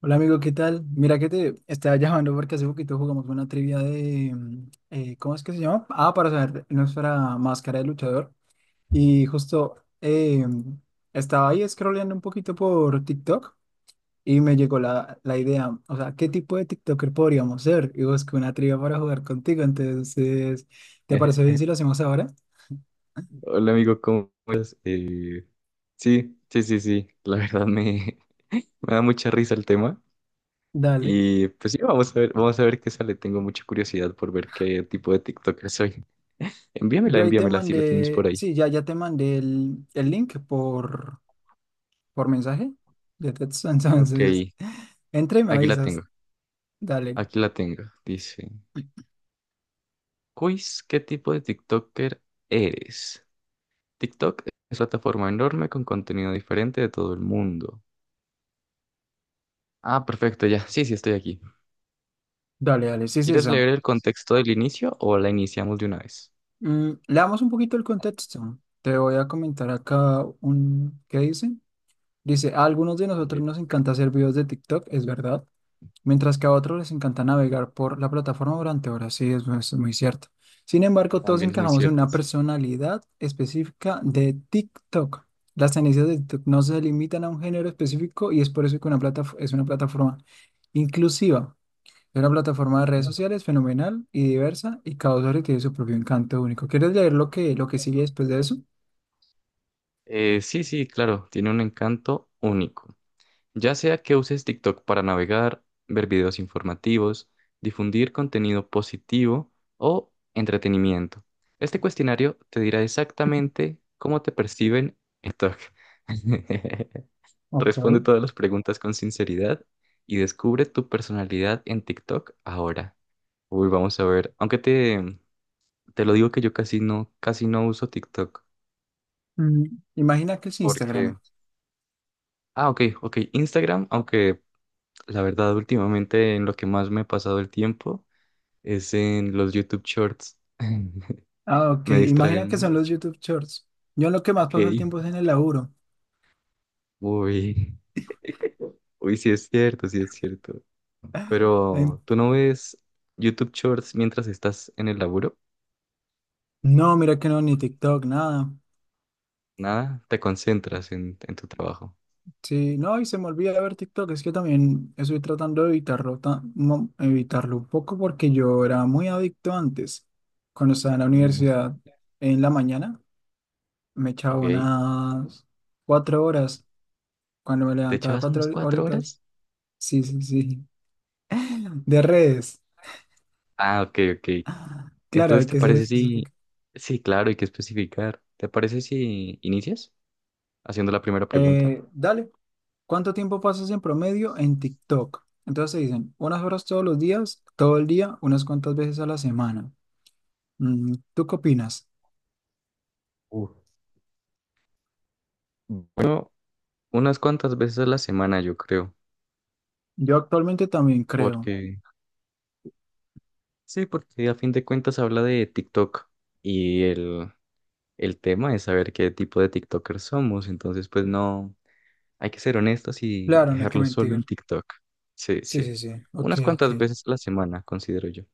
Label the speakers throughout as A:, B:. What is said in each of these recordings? A: Hola amigo, ¿qué tal? Mira que te estaba llamando porque hace poquito jugamos una trivia de, ¿cómo es que se llama? Ah, para saber nuestra máscara de luchador. Y justo estaba ahí scrolleando un poquito por TikTok y me llegó la idea, o sea, ¿qué tipo de TikToker podríamos ser? Y busqué una trivia para jugar contigo, entonces, ¿te parece bien si lo hacemos ahora?
B: Hola amigo, ¿cómo estás? Sí, sí, sí, sí, la verdad. Me da mucha risa el tema
A: Dale.
B: y pues sí, vamos a ver qué sale, tengo mucha curiosidad por ver qué tipo de TikToker soy. Envíamela,
A: Yo ahí te
B: envíamela si la tienes por
A: mandé,
B: ahí.
A: sí, ya, ya te mandé el link por mensaje de texto.
B: Ok,
A: Entonces, entra y me
B: aquí la
A: avisas.
B: tengo,
A: Dale,
B: aquí la tengo, dice, quiz, ¿qué tipo de TikToker eres? TikTok es una plataforma enorme con contenido diferente de todo el mundo. Ah, perfecto, ya, sí, sí, estoy aquí.
A: dale, dale, sí es
B: ¿Quieres leer
A: esa.
B: el contexto del inicio o la iniciamos de una vez?
A: Mm, le damos un poquito el contexto. Te voy a comentar acá un... ¿Qué dice? Dice, a algunos de nosotros
B: Vale,
A: nos encanta
B: perfecto.
A: hacer videos de TikTok, es verdad. Mientras que a otros les encanta navegar por la plataforma durante horas. Sí, es muy cierto. Sin embargo, todos
B: También es muy
A: encajamos en
B: cierto,
A: una
B: sí.
A: personalidad específica de TikTok. Las tendencias de TikTok no se limitan a un género específico y es por eso que una plata, es una plataforma inclusiva. Es una plataforma de redes
B: ¿No?
A: sociales fenomenal y diversa y cada usuario tiene su propio encanto único. ¿Quieres leer lo que sigue después de eso?
B: Sí, sí, claro, tiene un encanto único. Ya sea que uses TikTok para navegar, ver videos informativos, difundir contenido positivo o entretenimiento. Este cuestionario te dirá exactamente cómo te perciben en TikTok. Responde
A: Ok.
B: todas las preguntas con sinceridad y descubre tu personalidad en TikTok ahora. Uy, vamos a ver. Aunque te lo digo que yo casi no uso TikTok.
A: Mm, imagina que es
B: Porque.
A: Instagram.
B: Ah, ok, ok. Instagram, aunque la verdad, últimamente en lo que más me he pasado el tiempo es en los YouTube Shorts.
A: Ah, ok.
B: Me
A: Imagina que
B: distraen
A: son los
B: mucho.
A: YouTube Shorts. Yo en lo que más
B: Ok.
A: paso el tiempo es en el laburo.
B: Uy. Uy, sí es cierto, sí es cierto.
A: Em,
B: Pero, ¿tú no ves YouTube Shorts mientras estás en el laburo?
A: No, mira que no, ni TikTok, nada.
B: Nada, te concentras en tu trabajo.
A: Sí, no, y se me olvida ver TikTok, es que también estoy tratando de evitarlo, evitarlo un poco porque yo era muy adicto antes. Cuando estaba en la
B: Mm.
A: universidad, en la mañana, me echaba
B: Ok.
A: unas cuatro horas, cuando me
B: ¿Te
A: levantaba
B: echabas
A: cuatro
B: unas cuatro
A: horitas,
B: horas?
A: sí, sí, sí, de redes.
B: Ah, ok, ok.
A: Claro,
B: Entonces,
A: hay
B: ¿te
A: que ser
B: parece si...
A: específico.
B: Sí, claro, hay que especificar. ¿Te parece si inicias haciendo la primera pregunta?
A: Dale. ¿Cuánto tiempo pasas en promedio en TikTok? Entonces te dicen, unas horas todos los días, todo el día, unas cuantas veces a la semana. Mm, ¿tú qué opinas?
B: Uf, bueno, unas cuantas veces a la semana, yo creo,
A: Yo actualmente también creo.
B: porque sí, porque a fin de cuentas habla de TikTok y el tema es saber qué tipo de TikTokers somos, entonces pues no, hay que ser honestos y
A: Claro, no hay que
B: dejarlo solo en
A: mentir.
B: TikTok. Sí,
A: Sí,
B: sí,
A: sí, sí. Ok,
B: unas
A: ok.
B: cuantas veces a la semana, considero yo.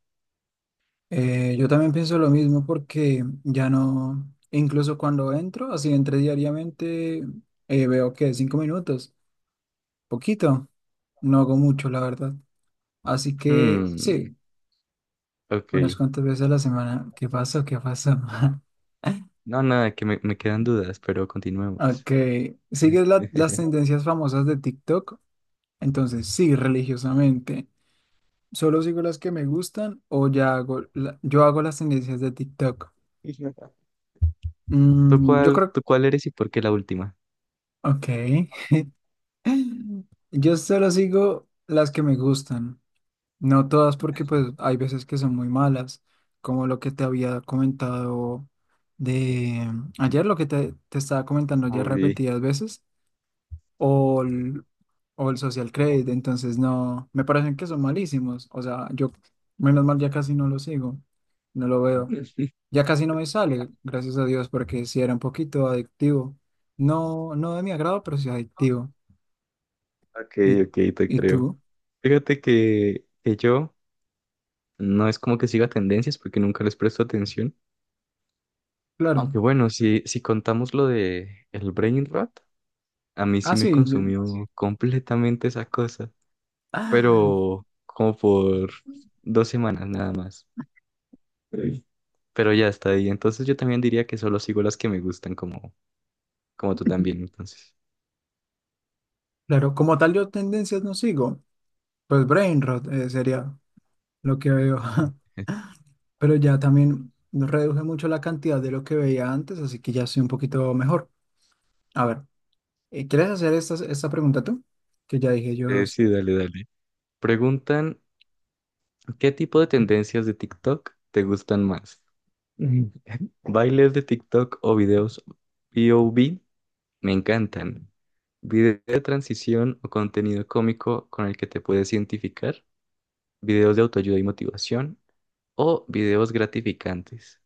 A: Yo también pienso lo mismo porque ya no, incluso cuando entro, así entre diariamente, veo que cinco minutos, poquito, no hago mucho, la verdad. Así que
B: Hmm,
A: sí,
B: ok,
A: unas cuantas veces a la semana. ¿Qué pasó?
B: no, nada, que me quedan dudas, pero continuemos.
A: Ok, ¿sigues las tendencias famosas de TikTok? Entonces, sí, religiosamente. ¿Solo sigo las que me gustan o ya hago, yo hago las tendencias de TikTok? Mm, yo creo,
B: Tú cuál eres y por qué la última?
A: ok. Yo solo sigo las que me gustan, no todas porque pues hay veces que son muy malas, como lo que te había comentado de ayer, lo que te estaba comentando ya
B: Uy,
A: repetidas veces. o el, o el Social Credit, entonces no, me parecen que son malísimos, o sea, yo menos mal ya casi no lo sigo, no lo veo, ya casi no me sale, gracias a Dios, porque sí era un poquito adictivo, no, no de mi agrado, pero sí adictivo,
B: ok,
A: y,
B: ok, te
A: y
B: creo.
A: tú,
B: Fíjate que yo no es como que siga tendencias porque nunca les presto atención. Aunque
A: claro,
B: bueno, si contamos lo de el brain rot, a mí sí
A: ah,
B: me
A: sí, yo-
B: consumió Sí. completamente esa cosa.
A: ah,
B: Pero como por dos semanas nada más. Sí. Pero ya está ahí. Entonces yo también diría que solo sigo las que me gustan como, como tú también, entonces.
A: claro, como tal yo tendencias no sigo, pues brain rot sería lo que veo, pero ya también reduje mucho la cantidad de lo que veía antes, así que ya soy un poquito mejor. A ver. ¿Quieres hacer esta pregunta tú? Que ya dije yo, dos.
B: Sí, dale, dale. Preguntan, ¿qué tipo de tendencias de TikTok te gustan más? Mm. ¿Bailes de TikTok o videos POV? Me encantan. ¿Video de transición o contenido cómico con el que te puedes identificar? ¿Videos de autoayuda y motivación? ¿O videos gratificantes?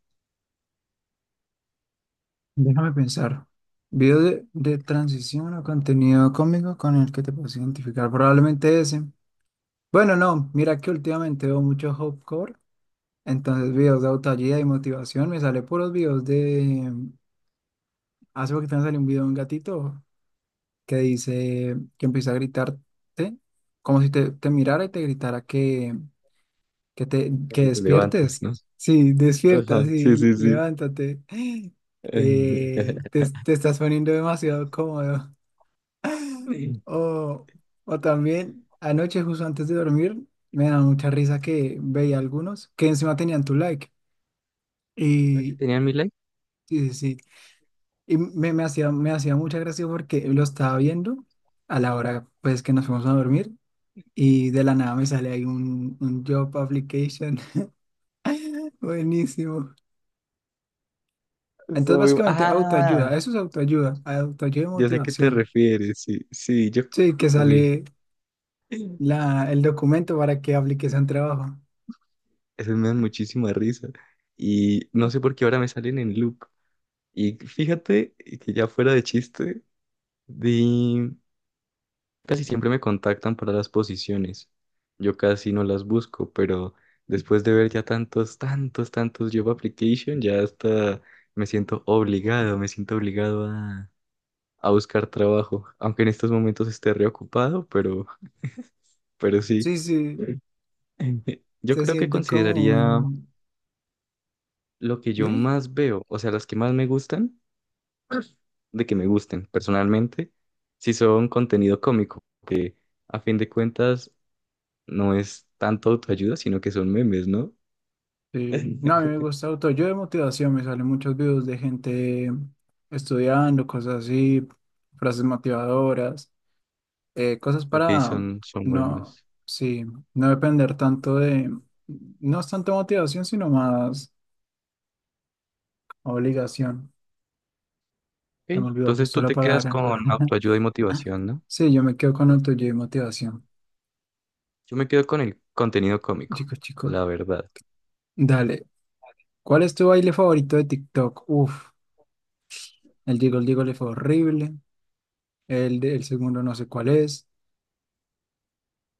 A: Déjame pensar. Video de transición o contenido cómico con el que te puedes identificar, probablemente ese. Bueno, no, mira que últimamente veo mucho Hopcore, entonces videos de autoayuda y motivación, me sale puros videos de... Hace poquito me salió un video de un gatito que dice que empieza a gritarte como si te mirara y te gritara que te,
B: Para
A: que
B: que te levantes,
A: despiertes.
B: ¿no?
A: Sí, despierta,
B: Ajá,
A: sí,
B: sí, sí, sí.
A: levántate. Te estás poniendo demasiado cómodo. O, o también, anoche, justo antes de dormir, me da mucha risa que veía algunos que encima tenían tu like.
B: ¿A qué
A: Y
B: tenían mi like?
A: sí, sí, sí. Y me hacía, me hacía mucha gracia porque lo estaba viendo a la hora pues que nos fuimos a dormir. Y de la nada me sale ahí un job application. Buenísimo. Entonces,
B: Soy-
A: básicamente,
B: ah,
A: autoayuda, eso es autoayuda, autoayuda y
B: yo sé a qué te
A: motivación.
B: refieres, sí, sí, yo...
A: Sí, que
B: Uy.
A: sale la, el documento para que apliques a un trabajo.
B: Esas me dan muchísima risa. Y no sé por qué ahora me salen en loop. Y fíjate que ya fuera de chiste, de... casi siempre me contactan para las posiciones. Yo casi no las busco, pero después de ver ya tantos, tantos, tantos job application, ya hasta me siento obligado a buscar trabajo. Aunque en estos momentos esté reocupado, pero sí.
A: Sí, sí,
B: Yo
A: se
B: creo que
A: siente como
B: consideraría
A: un...
B: lo que yo
A: Dime.
B: más veo, o sea, las que más me gustan, de que me gusten personalmente, si son contenido cómico, que a fin de cuentas no es tanto autoayuda, sino que son memes, ¿no?
A: Sí. No, a mí me gusta autoayuda y motivación, me salen muchos videos de gente estudiando, cosas así, frases motivadoras, cosas
B: Ok,
A: para
B: son, son
A: no,
B: buenos.
A: sí, no depender tanto de, no es tanto motivación, sino más obligación.
B: Ok,
A: Se me olvidó
B: entonces
A: justo
B: tú
A: la
B: te quedas con
A: palabra.
B: autoayuda y motivación, ¿no?
A: Sí, yo me quedo con el tuyo de motivación.
B: Yo me quedo con el contenido cómico,
A: Chico, chico,
B: la verdad.
A: dale. ¿Cuál es tu baile favorito de TikTok? Uf, el Jiggle Jiggle fue horrible. El, de- el segundo no sé cuál es.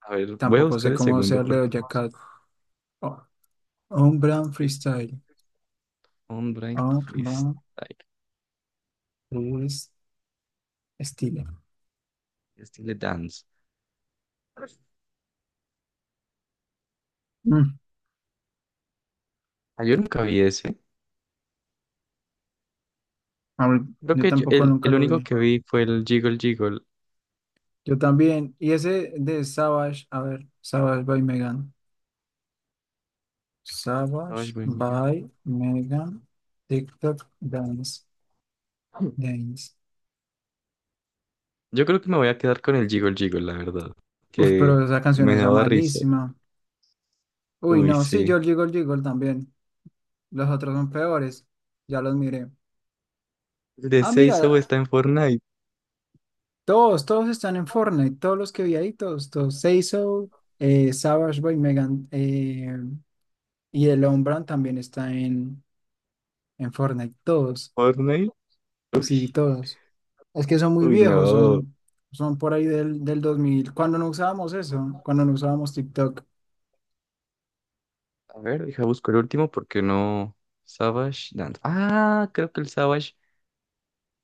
B: A ver, voy a
A: Tampoco
B: buscar
A: sé
B: el
A: cómo
B: segundo
A: sea el
B: porque...
A: de Cat. Oh, un brand
B: Freestyle,
A: freestyle.
B: online
A: Un brand
B: freestyle,
A: freestyle.
B: estilo dance.
A: Mm,
B: Ah, yo nunca vi ese.
A: a ver,
B: Creo
A: yo
B: que
A: tampoco nunca
B: el
A: lo
B: único
A: vi.
B: que vi fue el Jiggle Jiggle.
A: Yo también. Y ese de Savage, a ver, Savage by Megan.
B: Ay,
A: Savage
B: buen día.
A: by Megan. TikTok Dance. Dance.
B: Yo creo que me voy a quedar con el Jiggle Jiggle, la verdad.
A: Uf, pero
B: Que
A: esa canción
B: me
A: es
B: daba risa.
A: malísima. Uy,
B: Uy,
A: no, sí,
B: sí.
A: Georgie Gold Georgie Gold también. Los otros son peores. Ya los miré.
B: El de
A: Ah,
B: Seizo
A: mira,
B: está en Fortnite.
A: todos, todos están en Fortnite. Todos los que vi ahí, todos, todos. Seiso, Savage Boy, Megan y el Lombran también está en Fortnite. Todos,
B: Fortnite. Uy,
A: sí, todos. Es que son muy viejos,
B: no.
A: son, son por ahí del 2000. Cuando no usábamos eso, cuando no usábamos TikTok.
B: A ver, deja busco el último porque no. Savage Dance. Ah, creo que el Savage.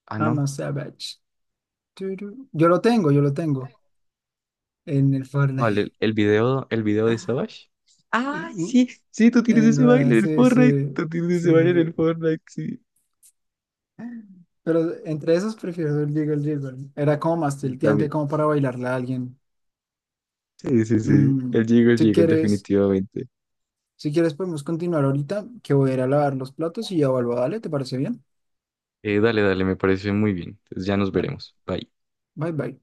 B: Ah,
A: I'm
B: no.
A: a Savage. Turu. Yo lo tengo en el
B: Vale,
A: Fortnite.
B: el video de Savage. Ah, sí,
A: En
B: sí, tú tienes
A: el
B: ese baile en el
A: balance,
B: Fortnite.
A: sí, sí,
B: Tú tienes
A: sí,
B: ese baile en el
A: sí.
B: Fortnite, sí.
A: sí. Pero entre esos prefiero el Jiggle Jiggle. Era como más
B: Yo
A: tilteante,
B: también.
A: como para bailarle a alguien.
B: Sí, sí, sí.
A: Mm,
B: El
A: si
B: Jiggle,
A: quieres,
B: definitivamente.
A: si quieres podemos continuar ahorita, que voy a ir a lavar los platos y ya vuelvo. Dale, ¿te parece bien?
B: Dale, dale, me parece muy bien. Entonces ya nos
A: Dale.
B: veremos. Bye.
A: Bye bye.